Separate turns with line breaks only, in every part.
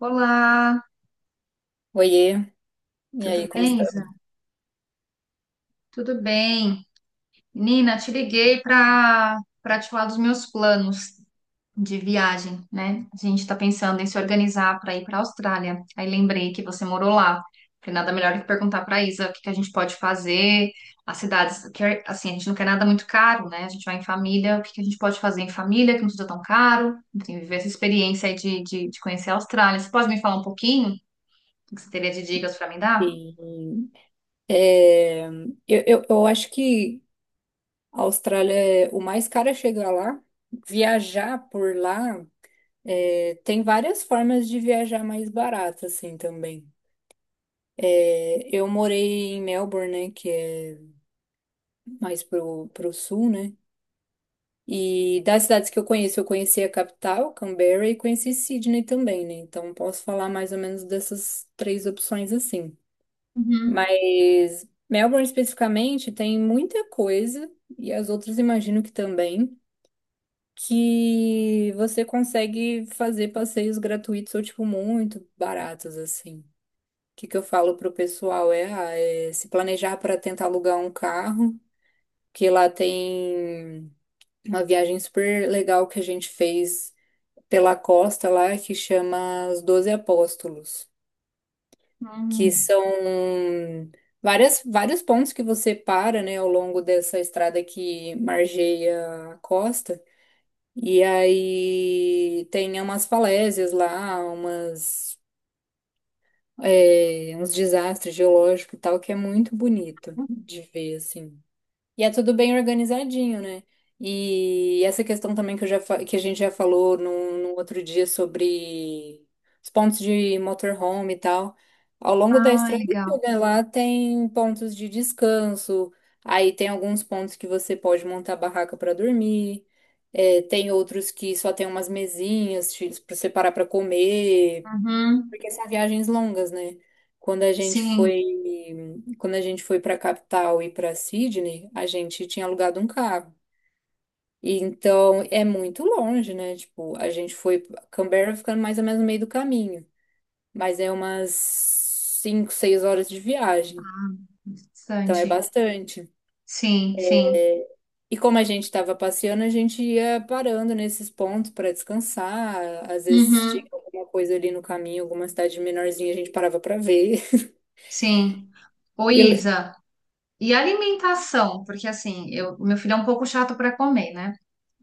Olá,
Oiê, e
tudo
aí, como
bem, Isa?
estamos?
Tudo bem. Nina. Te liguei para te falar dos meus planos de viagem, né? A gente está pensando em se organizar para ir para a Austrália. Aí lembrei que você morou lá. Falei, nada melhor que perguntar para Isa o que que a gente pode fazer, as cidades, que, é, assim, a gente não quer nada muito caro, né? A gente vai em família, o que que a gente pode fazer em família que não seja tão caro, enfim, viver essa experiência aí de conhecer a Austrália. Você pode me falar um pouquinho? O que você teria de dicas para me dar?
Sim. É, eu acho que a Austrália é o mais caro é chegar lá. Viajar por lá, tem várias formas de viajar mais barato, assim, também. Eu morei em Melbourne, né, que é mais pro sul, né? E das cidades que eu conheço, eu conheci a capital, Canberra, e conheci Sydney também, né? Então, posso falar mais ou menos dessas três opções, assim.
Uhum.
Mas Melbourne especificamente tem muita coisa, e as outras imagino que também, que você consegue fazer passeios gratuitos ou, tipo, muito baratos, assim. O que que eu falo pro pessoal é, é se planejar para tentar alugar um carro, que lá tem uma viagem super legal que a gente fez pela costa lá, que chama Os 12 Apóstolos. Que são várias, vários pontos que você para, né, ao longo dessa estrada que margeia a costa. E aí tem umas falésias lá, uns desastres geológicos e tal, que é muito bonito
Hum.
de ver, assim. E é tudo bem organizadinho, né? E essa questão também que, que a gente já falou num outro dia sobre os pontos de motorhome e tal. Ao longo da
Ah,
estrada
legal.
toda lá tem pontos de descanso, aí tem alguns pontos que você pode montar barraca para dormir, tem outros que só tem umas mesinhas para você parar para comer.
Uhum.
Porque são viagens longas, né? Quando a gente
Sim.
foi, quando a gente foi para capital e para Sydney, a gente tinha alugado um carro. E então é muito longe, né? Tipo, a gente foi Canberra ficando mais ou menos no meio do caminho, mas é umas 5, 6 horas de viagem.
Ah,
Então é
bastante.
bastante.
Sim, sim.
E como a gente estava passeando, a gente ia parando nesses pontos para descansar, às vezes tinha
Uhum.
alguma coisa ali no caminho, alguma cidade menorzinha, a gente parava para ver.
Sim. Ô,
E eu,
Isa, e alimentação? Porque assim, eu, meu filho é um pouco chato para comer, né?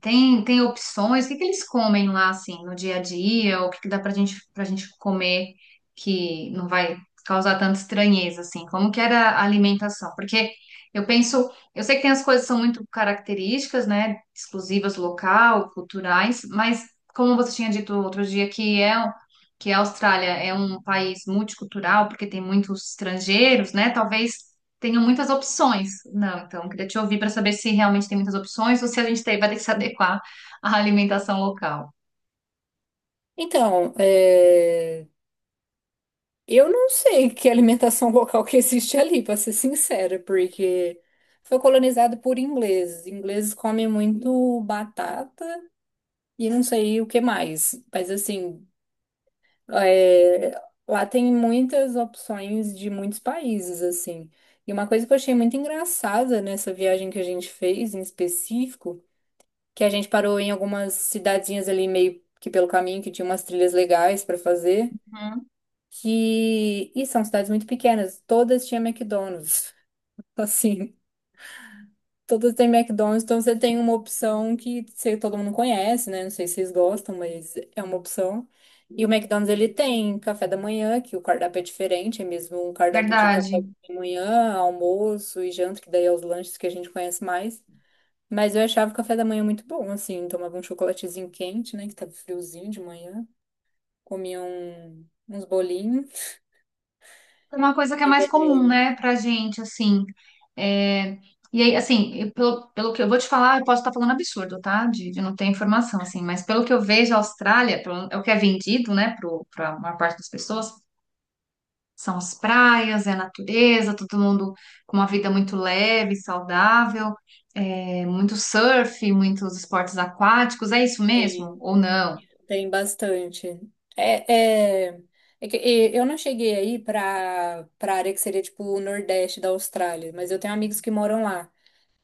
Tem opções? O que que eles comem lá, assim, no dia a dia? O que que dá pra gente comer que não vai causar tanta estranheza, assim? Como que era a alimentação? Porque eu penso, eu sei que tem as coisas que são muito características, né? Exclusivas local, culturais, mas como você tinha dito outro dia que é que a Austrália é um país multicultural, porque tem muitos estrangeiros, né? Talvez tenho muitas opções. Não, então, queria te ouvir para saber se realmente tem muitas opções ou se a gente tem- vai ter que se adequar à alimentação local.
Então, eu não sei que alimentação local que existe ali, para ser sincera, porque foi colonizado por ingleses. Ingleses comem muito batata e não sei o que mais. Mas assim, é, lá tem muitas opções de muitos países, assim. E uma coisa que eu achei muito engraçada nessa viagem que a gente fez, em específico, que a gente parou em algumas cidadezinhas ali meio que pelo caminho que tinha umas trilhas legais para fazer.
Uhum,
Que. E são cidades muito pequenas, todas tinham McDonald's. Assim, todas têm McDonald's, então você tem uma opção que sei, todo mundo conhece, né? Não sei se vocês gostam, mas é uma opção. E o McDonald's ele tem café da manhã, que o cardápio é diferente, é mesmo um cardápio de café
verdade.
da manhã, almoço e janta, que daí é os lanches que a gente conhece mais. Mas eu achava o café da manhã muito bom, assim, tomava um chocolatezinho quente, né, que tava friozinho de manhã, comia uns bolinhos.
É uma coisa que é mais comum,
É,
né, pra gente, assim. É. E aí, assim, eu- pelo, pelo que eu vou te falar, eu posso estar falando absurdo, tá? De não ter informação, assim, mas pelo que eu vejo, a Austrália, pelo- é o que é vendido, né, para a maior parte das pessoas, são as praias, é a natureza, todo mundo com uma vida muito leve, saudável, é, muito surf, muitos esportes aquáticos, é isso mesmo? Ou não?
Tem bastante. É, é, é que eu não cheguei aí para área que seria tipo o Nordeste da Austrália, mas eu tenho amigos que moram lá,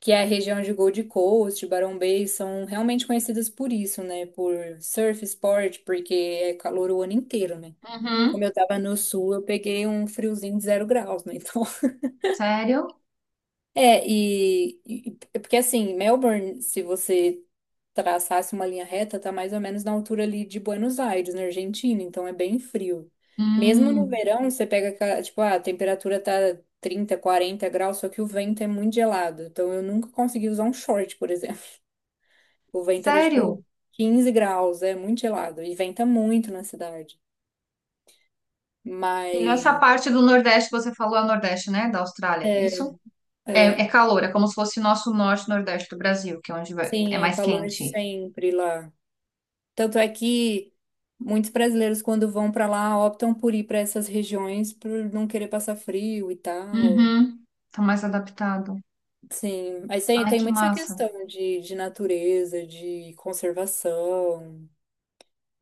que é a região de Gold Coast, Barão Bay, são realmente conhecidas por isso, né? Por surf sport, porque é calor o ano inteiro, né?
Uhum.
Como eu tava no sul, eu peguei um friozinho de 0 graus, né? Então,
Sério?
porque assim, Melbourne, se você traçasse uma linha reta, tá mais ou menos na altura ali de Buenos Aires, na Argentina, então é bem frio. Mesmo no
Hum,
verão, você pega, a temperatura tá 30, 40 graus, só que o vento é muito gelado. Então eu nunca consegui usar um short, por exemplo. O vento era tipo
sério?
15 graus, é muito gelado e venta muito na cidade.
E nessa
Mas
parte do Nordeste, você falou é o Nordeste, né? Da Austrália, é
é,
isso? É,
é,
é calor, é como se fosse nosso norte e nordeste do Brasil, que é onde vai- é
sim, é
mais
calor
quente.
sempre lá. Tanto é que muitos brasileiros, quando vão para lá, optam por ir para essas regiões por não querer passar frio e tal.
Uhum. Tá mais adaptado.
Sim, mas tem,
Ai,
tem
que
muito essa
massa.
questão de natureza, de conservação.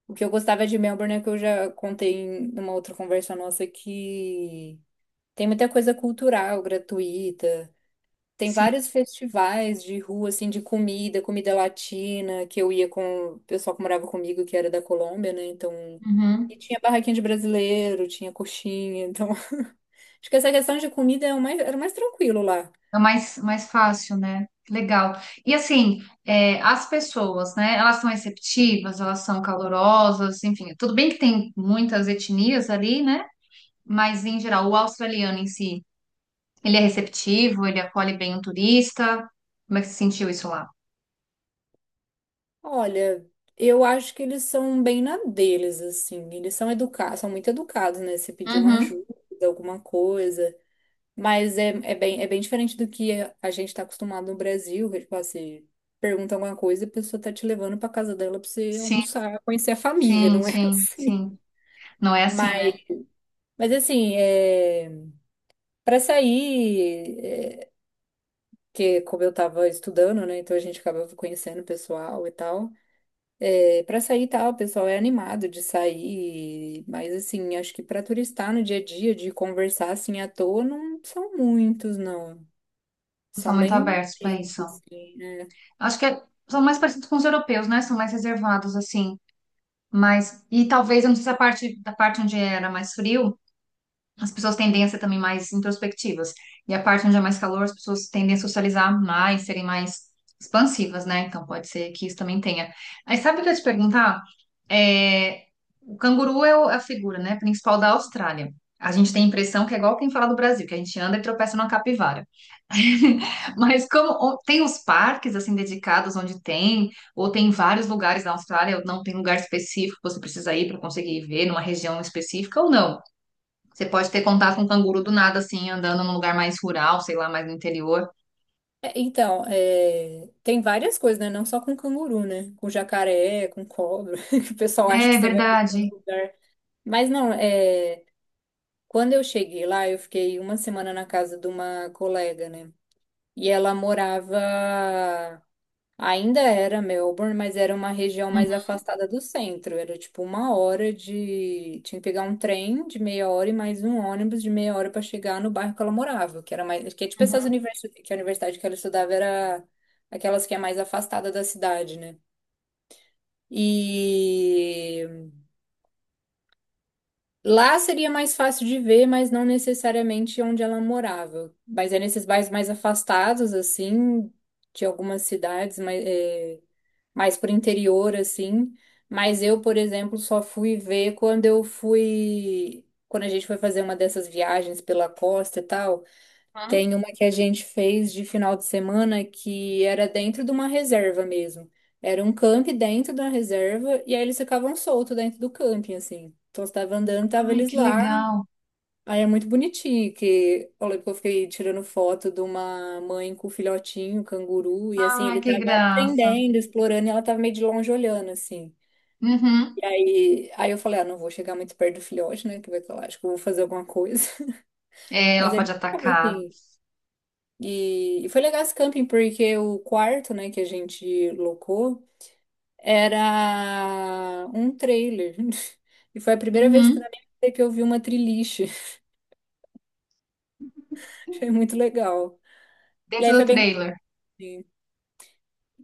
O que eu gostava de Melbourne é que eu já contei em uma outra conversa nossa que tem muita coisa cultural, gratuita. Tem
Sim.
vários festivais de rua, assim, de comida, comida latina, que eu ia com o pessoal que morava comigo, que era da Colômbia, né? Então.
Uhum.
E tinha barraquinha de brasileiro, tinha coxinha. Então, acho que essa questão de comida é o mais, era o mais tranquilo lá.
É mais, mais fácil, né? Legal. E assim, é, as pessoas, né? Elas são receptivas, elas são calorosas, enfim. Tudo bem que tem muitas etnias ali, né? Mas em geral, o australiano em si, ele é receptivo, ele acolhe bem o turista. Como é que você sentiu isso lá?
Olha, eu acho que eles são bem na deles, assim. Eles são educados, são muito educados, né? Se pedir uma
Uhum.
ajuda, alguma coisa. Mas é bem diferente do que a gente está acostumado no Brasil, que, tipo assim, pergunta alguma coisa e a pessoa tá te levando para casa dela para você
Sim,
almoçar, conhecer a família,
sim,
não é
sim,
assim.
sim. Não é assim,
Mas,
né?
mas assim, para sair, que como eu tava estudando, né, então a gente acabava conhecendo o pessoal e tal. É, para sair e tal, o pessoal é animado de sair, mas assim, acho que para turistar no dia a dia, de conversar assim à toa, não são muitos, não.
Não são
São
muito
bem
abertos para isso.
poucos, assim.
Acho que é- são mais parecidos com os europeus, né? São mais reservados, assim. Mas, e talvez, eu não sei se a parte da parte onde era mais frio. As pessoas tendem a ser também mais introspectivas. E a parte onde é mais calor, as pessoas tendem a socializar mais, serem mais expansivas, né? Então pode ser que isso também tenha. Aí sabe o que eu ia te perguntar? É, o canguru é o- é a figura, né, principal da Austrália. A gente tem a impressão que é igual quem fala do Brasil, que a gente anda e tropeça numa capivara. Mas como o- tem os parques assim dedicados onde tem, ou tem vários lugares na Austrália, ou não tem lugar específico que você precisa ir para conseguir ver numa região específica ou não? Você pode ter contato com um canguru do nada, assim, andando num lugar mais rural, sei lá, mais no interior.
Então, tem várias coisas, né? Não só com canguru, né? Com jacaré, com cobra, que o pessoal acha que
É
você vai ver em todo
verdade.
lugar. Mas não, quando eu cheguei lá, eu fiquei uma semana na casa de uma colega, né? E ela morava ainda era Melbourne, mas era uma região mais
Uhum,
afastada do centro. Era tipo uma hora de. Tinha que pegar um trem de meia hora e mais um ônibus de meia hora para chegar no bairro que ela morava, que era mais. Que é tipo essas
uhum,
universidades, que a universidade que ela estudava era aquelas que é mais afastada da cidade, né? E lá seria mais fácil de ver, mas não necessariamente onde ela morava. Mas é nesses bairros mais afastados, assim, de algumas cidades, mas. Mais pro interior, assim. Mas eu, por exemplo, só fui ver quando eu fui. Quando a gente foi fazer uma dessas viagens pela costa e tal,
uhum.
tem uma que a gente fez de final de semana que era dentro de uma reserva mesmo. Era um camping dentro da reserva e aí eles ficavam soltos dentro do camping, assim. Então, você tava andando, tava
Ai,
eles
que
lá,
legal.
aí é muito bonitinho, que eu lembro que eu fiquei tirando foto de uma mãe com um filhotinho, canguru, e assim,
Ai,
ele
que
tava
graça.
aprendendo, explorando, e ela tava meio de longe olhando, assim. E
Uhum.
aí, aí eu falei, ah, não vou chegar muito perto do filhote, né, que vai que acho que eu vou fazer alguma coisa.
É,
Mas
ela
ele
pode
tava
atacar.
assim. E foi legal esse camping, porque o quarto, né, que a gente locou, era um trailer. E foi a primeira vez que
Uhum.
na minha vida que eu vi uma triliche. Achei muito legal. E
Dentro
aí
do
foi bem
trailer.
gostoso.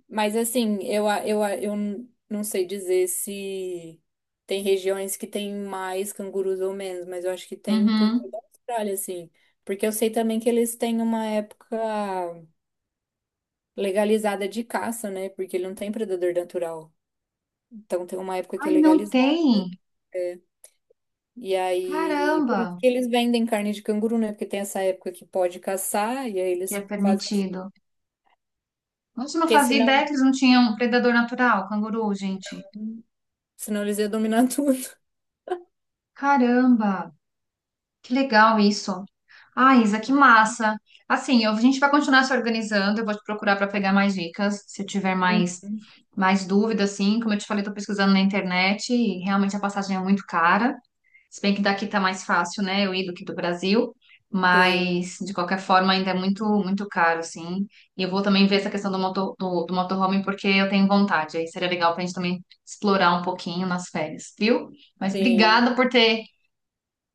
Mas assim, eu, a- eu, a- eu n- não sei dizer se tem regiões que tem mais cangurus ou menos, mas eu acho que tem por toda
Uhum.
a Austrália, assim. Porque eu sei também que eles têm uma época legalizada de caça, né? Porque ele não tem predador natural. Então tem uma época que
Ah,
é
não
legalizada.
tem.
E aí, por
Caramba,
isso que eles vendem carne de canguru, né? Porque tem essa época que pode caçar, e aí
que é
eles fazem assim.
permitido. Nossa, eu não
Porque
fazia ideia que eles não tinham um predador natural, canguru, gente.
senão eles iam dominar tudo.
Caramba, que legal isso. Ah, Isa, que massa. Assim, eu- a gente vai continuar se organizando. Eu vou te procurar para pegar mais dicas. Se eu tiver mais,
Uhum.
mais dúvida, assim, como eu te falei, estou pesquisando na internet e realmente a passagem é muito cara. Se bem que daqui tá mais fácil, né? Eu ir do que do Brasil.
Sim,
Mas, de qualquer forma, ainda é muito, muito caro, assim. E eu vou também ver essa questão do, motor, do motorhome, porque eu tenho vontade. Aí seria legal para a gente também explorar um pouquinho nas férias, viu? Mas
sim.
obrigada por ter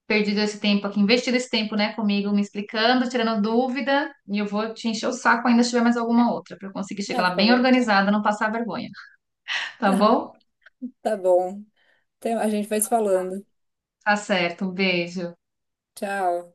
perdido esse tempo aqui, investido esse tempo, né, comigo, me explicando, tirando dúvida, e eu vou te encher o saco ainda se tiver mais alguma outra, para eu conseguir chegar
Ah,
lá
fica
bem
bom.
organizada, não passar vergonha, tá bom?
Tá bom. Então, a gente vai se falando.
Tá certo, um beijo.
Tchau.